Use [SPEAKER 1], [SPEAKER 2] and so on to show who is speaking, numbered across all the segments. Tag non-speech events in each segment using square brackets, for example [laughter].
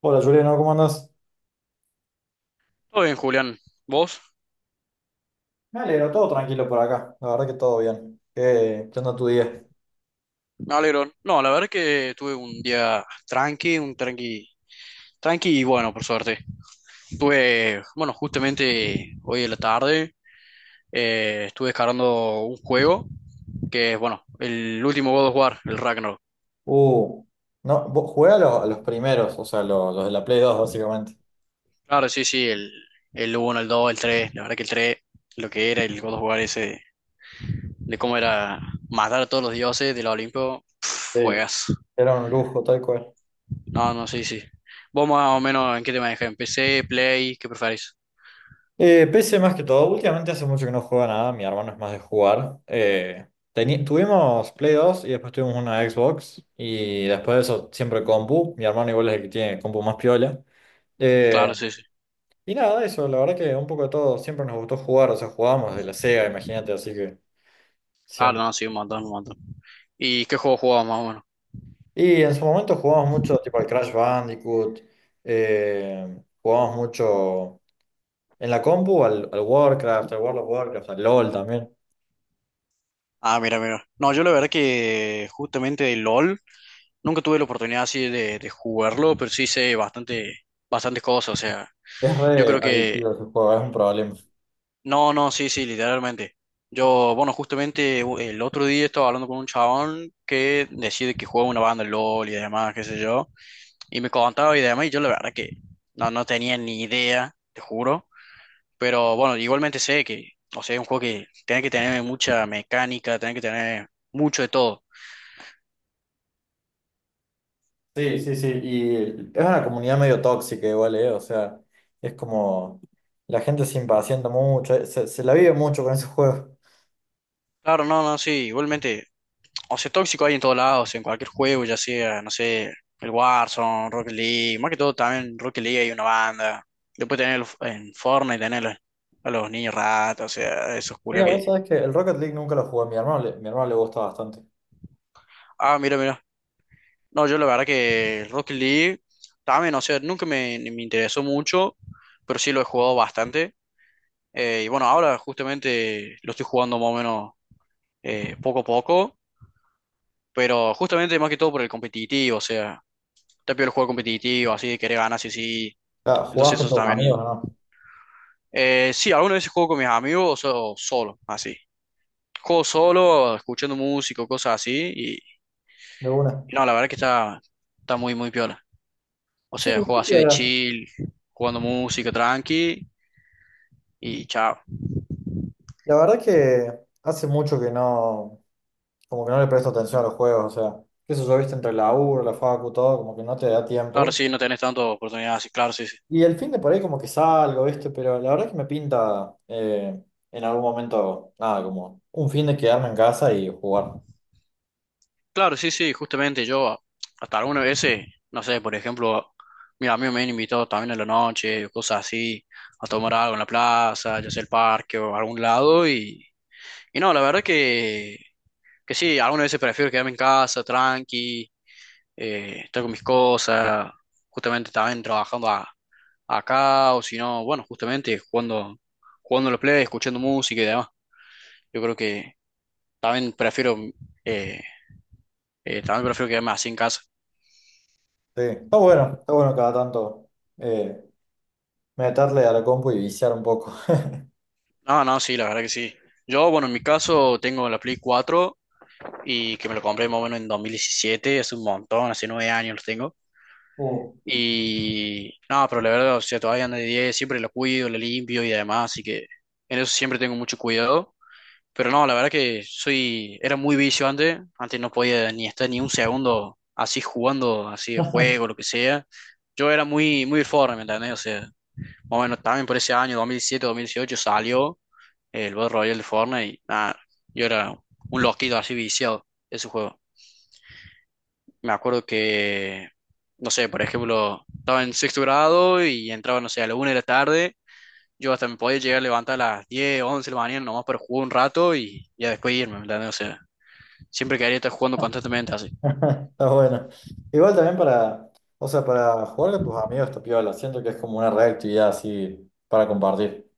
[SPEAKER 1] Hola Juliano, ¿cómo andas?
[SPEAKER 2] Todo bien, Julián. ¿Vos?
[SPEAKER 1] Me alegro, todo tranquilo por acá, la verdad que todo bien. ¿Qué onda tu día?
[SPEAKER 2] Me alegro. No, la verdad que tuve un día tranqui, un tranqui, tranqui y bueno, por suerte. Bueno, justamente hoy en la tarde, estuve descargando un juego que es, bueno, el último God of War, el Ragnarok.
[SPEAKER 1] Uh, no, vos jugué a los primeros, o sea, los, de la Play 2 básicamente.
[SPEAKER 2] Claro, sí, sí, el uno, el dos, el 3. La verdad que el 3, lo que era el God of War ese, de, cómo era matar a todos los dioses del Olimpo,
[SPEAKER 1] Sí.
[SPEAKER 2] juegas.
[SPEAKER 1] Era un lujo, tal cual.
[SPEAKER 2] No, no, sí, sí. ¿Vos más o menos en qué te manejas? ¿En PC, Play? ¿Qué preferís?
[SPEAKER 1] PC más que todo, últimamente hace mucho que no juega nada, mi hermano es más de jugar. Tuvimos Play 2 y después tuvimos una Xbox y después de eso siempre compu, mi hermano igual es el que tiene compu más piola. Eh,
[SPEAKER 2] Claro, sí, sí.
[SPEAKER 1] y nada, eso, la verdad que un poco de todo, siempre nos gustó jugar, o sea, jugábamos de la Sega, imagínate, así que...
[SPEAKER 2] Claro,
[SPEAKER 1] Siempre.
[SPEAKER 2] no, sí, un montón, un montón. ¿Y qué juego jugaba más o menos?
[SPEAKER 1] Y en su momento jugamos mucho, tipo al Crash Bandicoot, jugamos mucho en la compu, al, al Warcraft, al World of Warcraft, al LOL también.
[SPEAKER 2] Ah, mira, mira. No, yo la verdad que justamente de LOL nunca tuve la oportunidad así de jugarlo, pero sí sé bastante, bastantes cosas. O sea,
[SPEAKER 1] Es
[SPEAKER 2] yo
[SPEAKER 1] re
[SPEAKER 2] creo que.
[SPEAKER 1] adictivo ese juego, es un problema.
[SPEAKER 2] No, no, sí, sí, literalmente. Yo, bueno, justamente el otro día estaba hablando con un chabón que decide que juega una banda de LOL y demás, qué sé yo. Y me contaba y demás, y yo la verdad que no, no tenía ni idea, te juro. Pero bueno, igualmente sé que, o sea, es un juego que tiene que tener mucha mecánica, tiene que tener mucho de todo.
[SPEAKER 1] Sí, sí, sí, y es una comunidad medio tóxica igual, O sea, es como la gente se impacienta mucho, se, se la vive mucho con ese juego.
[SPEAKER 2] Claro, no, no, sí, igualmente, o sea, tóxico hay en todos lados, en cualquier juego, ya sea, no sé, el Warzone, Rocket League, más que todo también en Rocket League hay una banda. Después tener en Fortnite, tener a los niños ratas, o sea, esos culos
[SPEAKER 1] Mira,
[SPEAKER 2] que.
[SPEAKER 1] vos sabés que el Rocket League nunca lo jugué, mi hermano le gusta bastante.
[SPEAKER 2] Ah, mira, mira. No, yo la verdad que Rocket League también, o sea, nunca me interesó mucho, pero sí lo he jugado bastante. Y bueno, ahora justamente lo estoy jugando más o menos, poco a poco, pero justamente más que todo por el competitivo, o sea, te pido el juego competitivo, así de querer ganar, sí, sí.
[SPEAKER 1] Ah, ¿Jugabas
[SPEAKER 2] Entonces
[SPEAKER 1] con
[SPEAKER 2] eso
[SPEAKER 1] tus
[SPEAKER 2] también.
[SPEAKER 1] amigos, no?
[SPEAKER 2] Sí algunas veces juego con mis amigos o solo, así. Juego solo, escuchando música, o cosas así, y,
[SPEAKER 1] De una.
[SPEAKER 2] y no, la verdad que está muy, muy piola. O
[SPEAKER 1] Sí,
[SPEAKER 2] sea, juego
[SPEAKER 1] sí,
[SPEAKER 2] así de
[SPEAKER 1] ahora.
[SPEAKER 2] chill, jugando música tranqui, y chao.
[SPEAKER 1] La verdad que hace mucho que no, como que no le presto atención a los juegos, o sea, qué sé yo, viste, entre la U, la facu, todo, como que no te da
[SPEAKER 2] Claro,
[SPEAKER 1] tiempo.
[SPEAKER 2] sí, no tenés tantas oportunidades, sí, claro, sí, sí.
[SPEAKER 1] Y el fin de por ahí como que salgo, viste, pero la verdad que me pinta en algún momento, nada, como un fin de quedarme en casa y jugar.
[SPEAKER 2] Claro, sí, sí, justamente yo hasta algunas veces, no sé, por ejemplo, mis amigos me han invitado también en la noche, o cosas así, a tomar algo en la plaza, ya sea el parque o algún lado, y no, la verdad que sí, algunas veces prefiero quedarme en casa, tranqui, estar con mis cosas, justamente también trabajando acá, o si no, bueno, justamente jugando a la play, escuchando música y demás. Yo creo que también prefiero, eh, también prefiero quedarme así en casa.
[SPEAKER 1] Sí, está bueno cada tanto eh, meterle a la compu y viciar un poco.
[SPEAKER 2] No, no, sí, la verdad que sí. Yo, bueno, en mi caso tengo la Play 4 y que me lo compré más o menos en 2017, hace un montón, hace 9 años lo tengo.
[SPEAKER 1] [laughs]
[SPEAKER 2] Y no, pero la verdad, o sea, todavía anda de diez, siempre la cuido, la limpio y demás, así que en eso siempre tengo mucho cuidado. Pero no, la verdad que era muy vicio antes no podía ni estar ni un segundo así jugando, así de
[SPEAKER 1] Uh.
[SPEAKER 2] juego, lo que sea. Yo era muy, muy Fortnite, ¿me entendés? O sea, más o menos también por ese año, 2007, 2018, salió el Battle Royale de Fortnite y nada, yo era un loquito así viciado de ese juego. Me acuerdo que, no sé, por ejemplo, estaba en sexto grado y entraba, no sé, a la una de la tarde. Yo hasta me podía llegar a levantar a las 10 11 de la mañana nomás para jugar un rato y ya después irme, ¿me entendés? O sea, siempre quedaría estar jugando constantemente así.
[SPEAKER 1] [laughs] Está bueno. Igual también para, o sea, para jugar con tus amigos está piola. Siento que es como una reactividad así para compartir.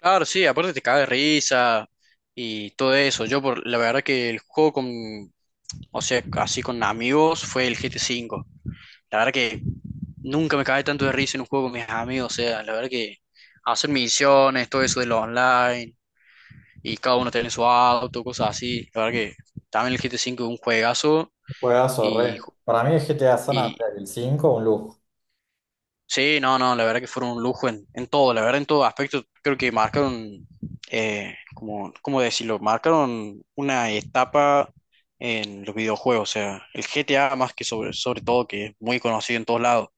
[SPEAKER 2] Claro, sí, aparte te caga de risa y todo eso. Yo, por la verdad que el juego con, o sea, así con amigos fue el GT5. La verdad que nunca me cagué tanto de risa en un juego con mis amigos. O sea, la verdad que hacer misiones, todo eso de lo online y cada uno tiene su auto, cosas así. La verdad que también el GT5 es un juegazo
[SPEAKER 1] Juegazo,
[SPEAKER 2] y,
[SPEAKER 1] re. Para mí el GTA San
[SPEAKER 2] y
[SPEAKER 1] Andreas, el 5 un lujo.
[SPEAKER 2] sí, no, no, la verdad que fueron un lujo en todo, la verdad en todo aspecto. Creo que marcaron, como, ¿cómo decirlo? Marcaron una etapa en los videojuegos, o sea, el GTA más que sobre todo, que es muy conocido en todos lados.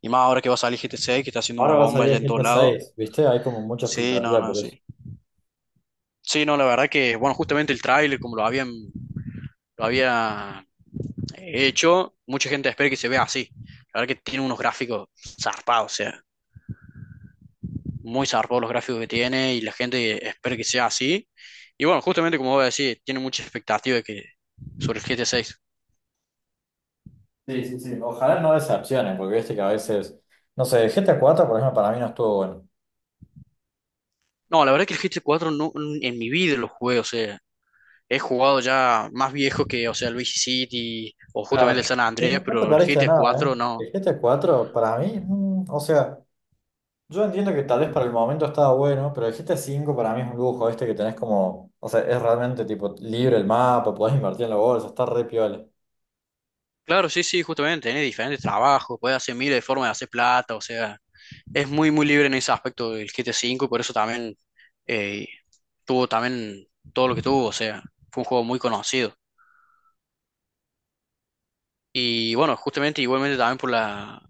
[SPEAKER 2] Y más ahora que va a salir GTA 6, que está haciendo una
[SPEAKER 1] Ahora va a
[SPEAKER 2] bomba
[SPEAKER 1] salir
[SPEAKER 2] ya
[SPEAKER 1] el
[SPEAKER 2] en todos
[SPEAKER 1] GTA
[SPEAKER 2] lados.
[SPEAKER 1] 6 ¿viste? Hay como mucha
[SPEAKER 2] Sí, no,
[SPEAKER 1] expectativa
[SPEAKER 2] no,
[SPEAKER 1] por
[SPEAKER 2] sí.
[SPEAKER 1] eso.
[SPEAKER 2] Sí, no, la verdad que, bueno, justamente el tráiler, como lo había hecho, mucha gente espera que se vea así. La verdad que tiene unos gráficos zarpados, o sea, muy zarpados los gráficos que tiene y la gente espera que sea así. Y bueno, justamente como voy a decir, tiene mucha expectativa de que, sobre el G GTA seis.
[SPEAKER 1] Sí, sí, sí. Ojalá no decepcionen, porque viste que a veces, no sé, el GTA 4 por ejemplo, para mí no estuvo bueno.
[SPEAKER 2] No, la verdad es que el G GTA 4 no, en mi vida lo jugué, o sea, he jugado ya más viejo que, o sea, el Vice City o justamente el
[SPEAKER 1] Claro.
[SPEAKER 2] San Andrés,
[SPEAKER 1] No, no te
[SPEAKER 2] pero el G
[SPEAKER 1] parece
[SPEAKER 2] GTA
[SPEAKER 1] nada,
[SPEAKER 2] 4
[SPEAKER 1] ¿eh?
[SPEAKER 2] no.
[SPEAKER 1] El GTA 4 para mí, mm, o sea. Yo entiendo que tal vez para el momento estaba bueno, pero el GTA V para mí es un lujo, este que tenés como, o sea, es realmente tipo libre el mapa, podés invertir en la bolsa, está re piola.
[SPEAKER 2] Claro, sí, sí, justamente, tiene diferentes trabajos, puede hacer miles de formas de hacer plata, o sea, es muy, muy libre en ese aspecto del GTA 5 y por eso también, eh, tuvo también todo lo que tuvo, o sea, fue un juego muy conocido. Y bueno, justamente igualmente también por la,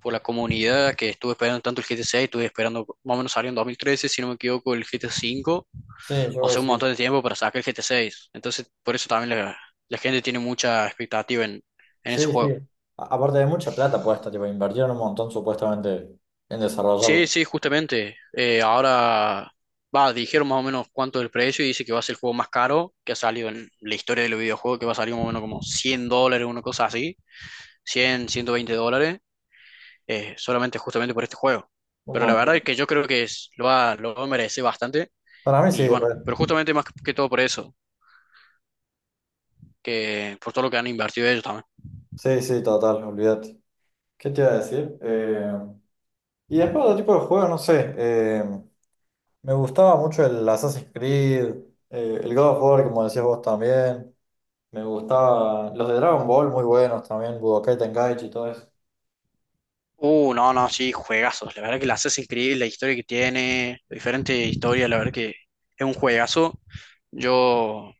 [SPEAKER 2] por la comunidad, que estuve esperando tanto el G GTA seis, estuve esperando, más o menos salió en 2013, si no me equivoco, el G GTA cinco,
[SPEAKER 1] Sí, yo
[SPEAKER 2] o
[SPEAKER 1] creo que
[SPEAKER 2] sea, un
[SPEAKER 1] sí.
[SPEAKER 2] montón de tiempo para sacar el G GTA seis. Entonces, por eso también la gente tiene mucha expectativa en
[SPEAKER 1] Sí,
[SPEAKER 2] ese
[SPEAKER 1] sí.
[SPEAKER 2] juego.
[SPEAKER 1] A- aparte de mucha plata puesta, tipo, invirtieron un montón supuestamente en
[SPEAKER 2] Sí,
[SPEAKER 1] desarrollarlo.
[SPEAKER 2] sí, justamente. Ahora, va, dijeron más o menos cuánto es el precio y dice que va a ser el juego más caro que ha salido en la historia de los videojuegos, que va a salir más o menos como $100, una cosa así, 100, $120. Solamente justamente por este juego.
[SPEAKER 1] Un
[SPEAKER 2] Pero la verdad
[SPEAKER 1] montón.
[SPEAKER 2] es que yo creo que lo merece bastante.
[SPEAKER 1] Para mí sí,
[SPEAKER 2] Y bueno,
[SPEAKER 1] re.
[SPEAKER 2] pero justamente más que todo por eso, que por todo lo que han invertido ellos también.
[SPEAKER 1] Sí, sí, total, olvídate. ¿Qué te iba a decir? Y después otro tipo de juego, no sé, me gustaba mucho el Assassin's Creed, el God of War, como decías vos también. Me gustaban los de Dragon Ball, muy buenos también, Budokai Tenkaichi y todo eso.
[SPEAKER 2] No, no, sí, juegazos. La verdad que la haces increíble, la historia que tiene, diferentes historias, la verdad que es un juegazo. Yo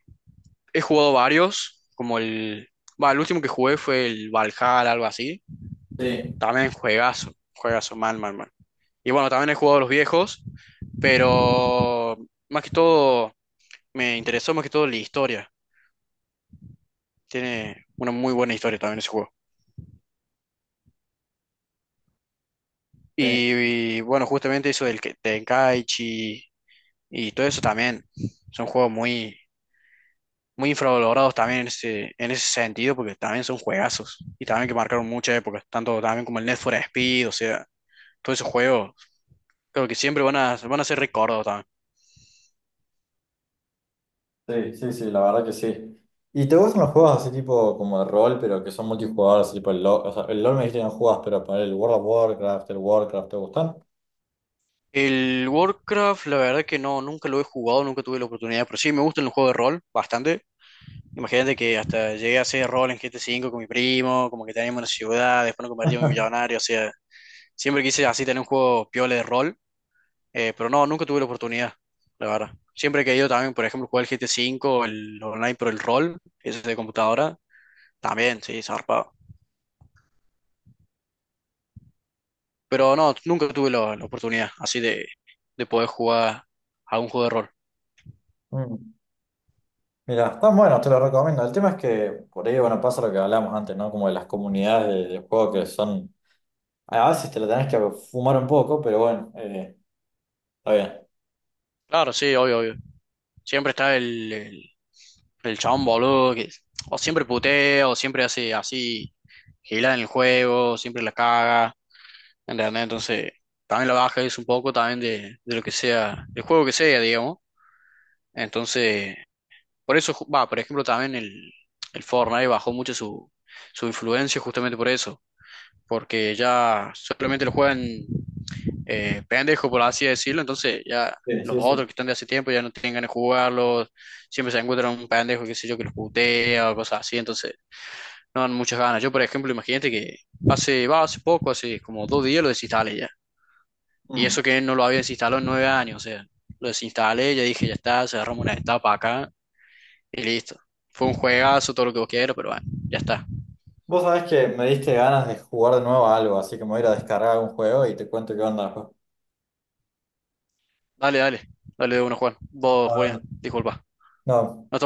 [SPEAKER 2] he jugado varios, como el, va, el último que jugué fue el Valhalla, algo así.
[SPEAKER 1] Sí,
[SPEAKER 2] También juegazo, juegazo, mal, mal, mal. Y bueno, también he jugado los viejos, pero más que todo me interesó más que todo la historia. Tiene una muy buena historia también ese juego.
[SPEAKER 1] sí.
[SPEAKER 2] Y, bueno, justamente eso del Tenkaichi y todo eso también son juegos muy, muy infravalorados también en ese sentido, porque también son juegazos y también que marcaron muchas épocas, tanto también como el Need for Speed, o sea, todos esos juegos, creo que siempre van a ser recordados también.
[SPEAKER 1] Sí, sí, sí, la verdad que sí. ¿Y te gustan los juegos así tipo como de rol, pero que son multijugadores, tipo el LoL? O sea, el LoL me dijiste que no jugás, pero para el World of Warcraft, el Warcraft, ¿te gustan?
[SPEAKER 2] El Warcraft, la verdad que no, nunca lo he jugado, nunca tuve la oportunidad, pero sí me gustan los juegos de rol bastante. Imagínate que hasta llegué a hacer rol en GT5 con mi primo, como que teníamos una ciudad, después nos convertimos en
[SPEAKER 1] [laughs]
[SPEAKER 2] millonario, o sea, siempre quise así tener un juego piola de rol, pero no, nunca tuve la oportunidad, la verdad. Siempre he querido también, por ejemplo, jugar el GT5, el online, pero el rol, ese de computadora, también, sí, zarpado. Pero no, nunca tuve la oportunidad así de poder jugar algún juego de rol.
[SPEAKER 1] Mm. Mira, están buenos, te los recomiendo. El tema es que por ahí, bueno, pasa lo que hablamos antes, ¿no? Como de las comunidades de juego que son. A veces te lo tenés que fumar un poco, pero bueno, está
[SPEAKER 2] Claro, sí, obvio, obvio. Siempre está el chabón, boludo, que o siempre putea, o siempre hace así, gilada en el juego, siempre la caga, ¿entendés? Entonces, también la baja es un poco también de lo que sea, del juego que sea, digamos. Entonces, por eso, va, por ejemplo, también el Fortnite bajó mucho su influencia justamente por eso, porque ya solamente lo juegan, pendejo, por así decirlo. Entonces ya
[SPEAKER 1] bien.
[SPEAKER 2] los
[SPEAKER 1] Sí. Sí,
[SPEAKER 2] otros
[SPEAKER 1] sí.
[SPEAKER 2] que están de hace tiempo ya no tienen ganas de jugarlos. Siempre se encuentran un pendejo, qué sé yo, que los putea o cosas así. Entonces no dan muchas ganas. Yo, por ejemplo, imagínate que va, hace poco, hace como 2 días lo desinstalé ya. Y
[SPEAKER 1] Mm.
[SPEAKER 2] eso que no lo había desinstalado en 9 años. O sea, lo desinstalé, ya dije, ya está, cerramos una etapa acá y listo. Fue un juegazo, todo lo que vos quieras, pero bueno, ya está.
[SPEAKER 1] Vos sabés que me diste ganas de jugar de nuevo a algo, así que me voy a ir a descargar un juego y te cuento qué onda después.
[SPEAKER 2] Dale, dale, dale de uno, Juan. Vos, Julián,
[SPEAKER 1] Hablando.
[SPEAKER 2] disculpa. No
[SPEAKER 1] No.
[SPEAKER 2] estamos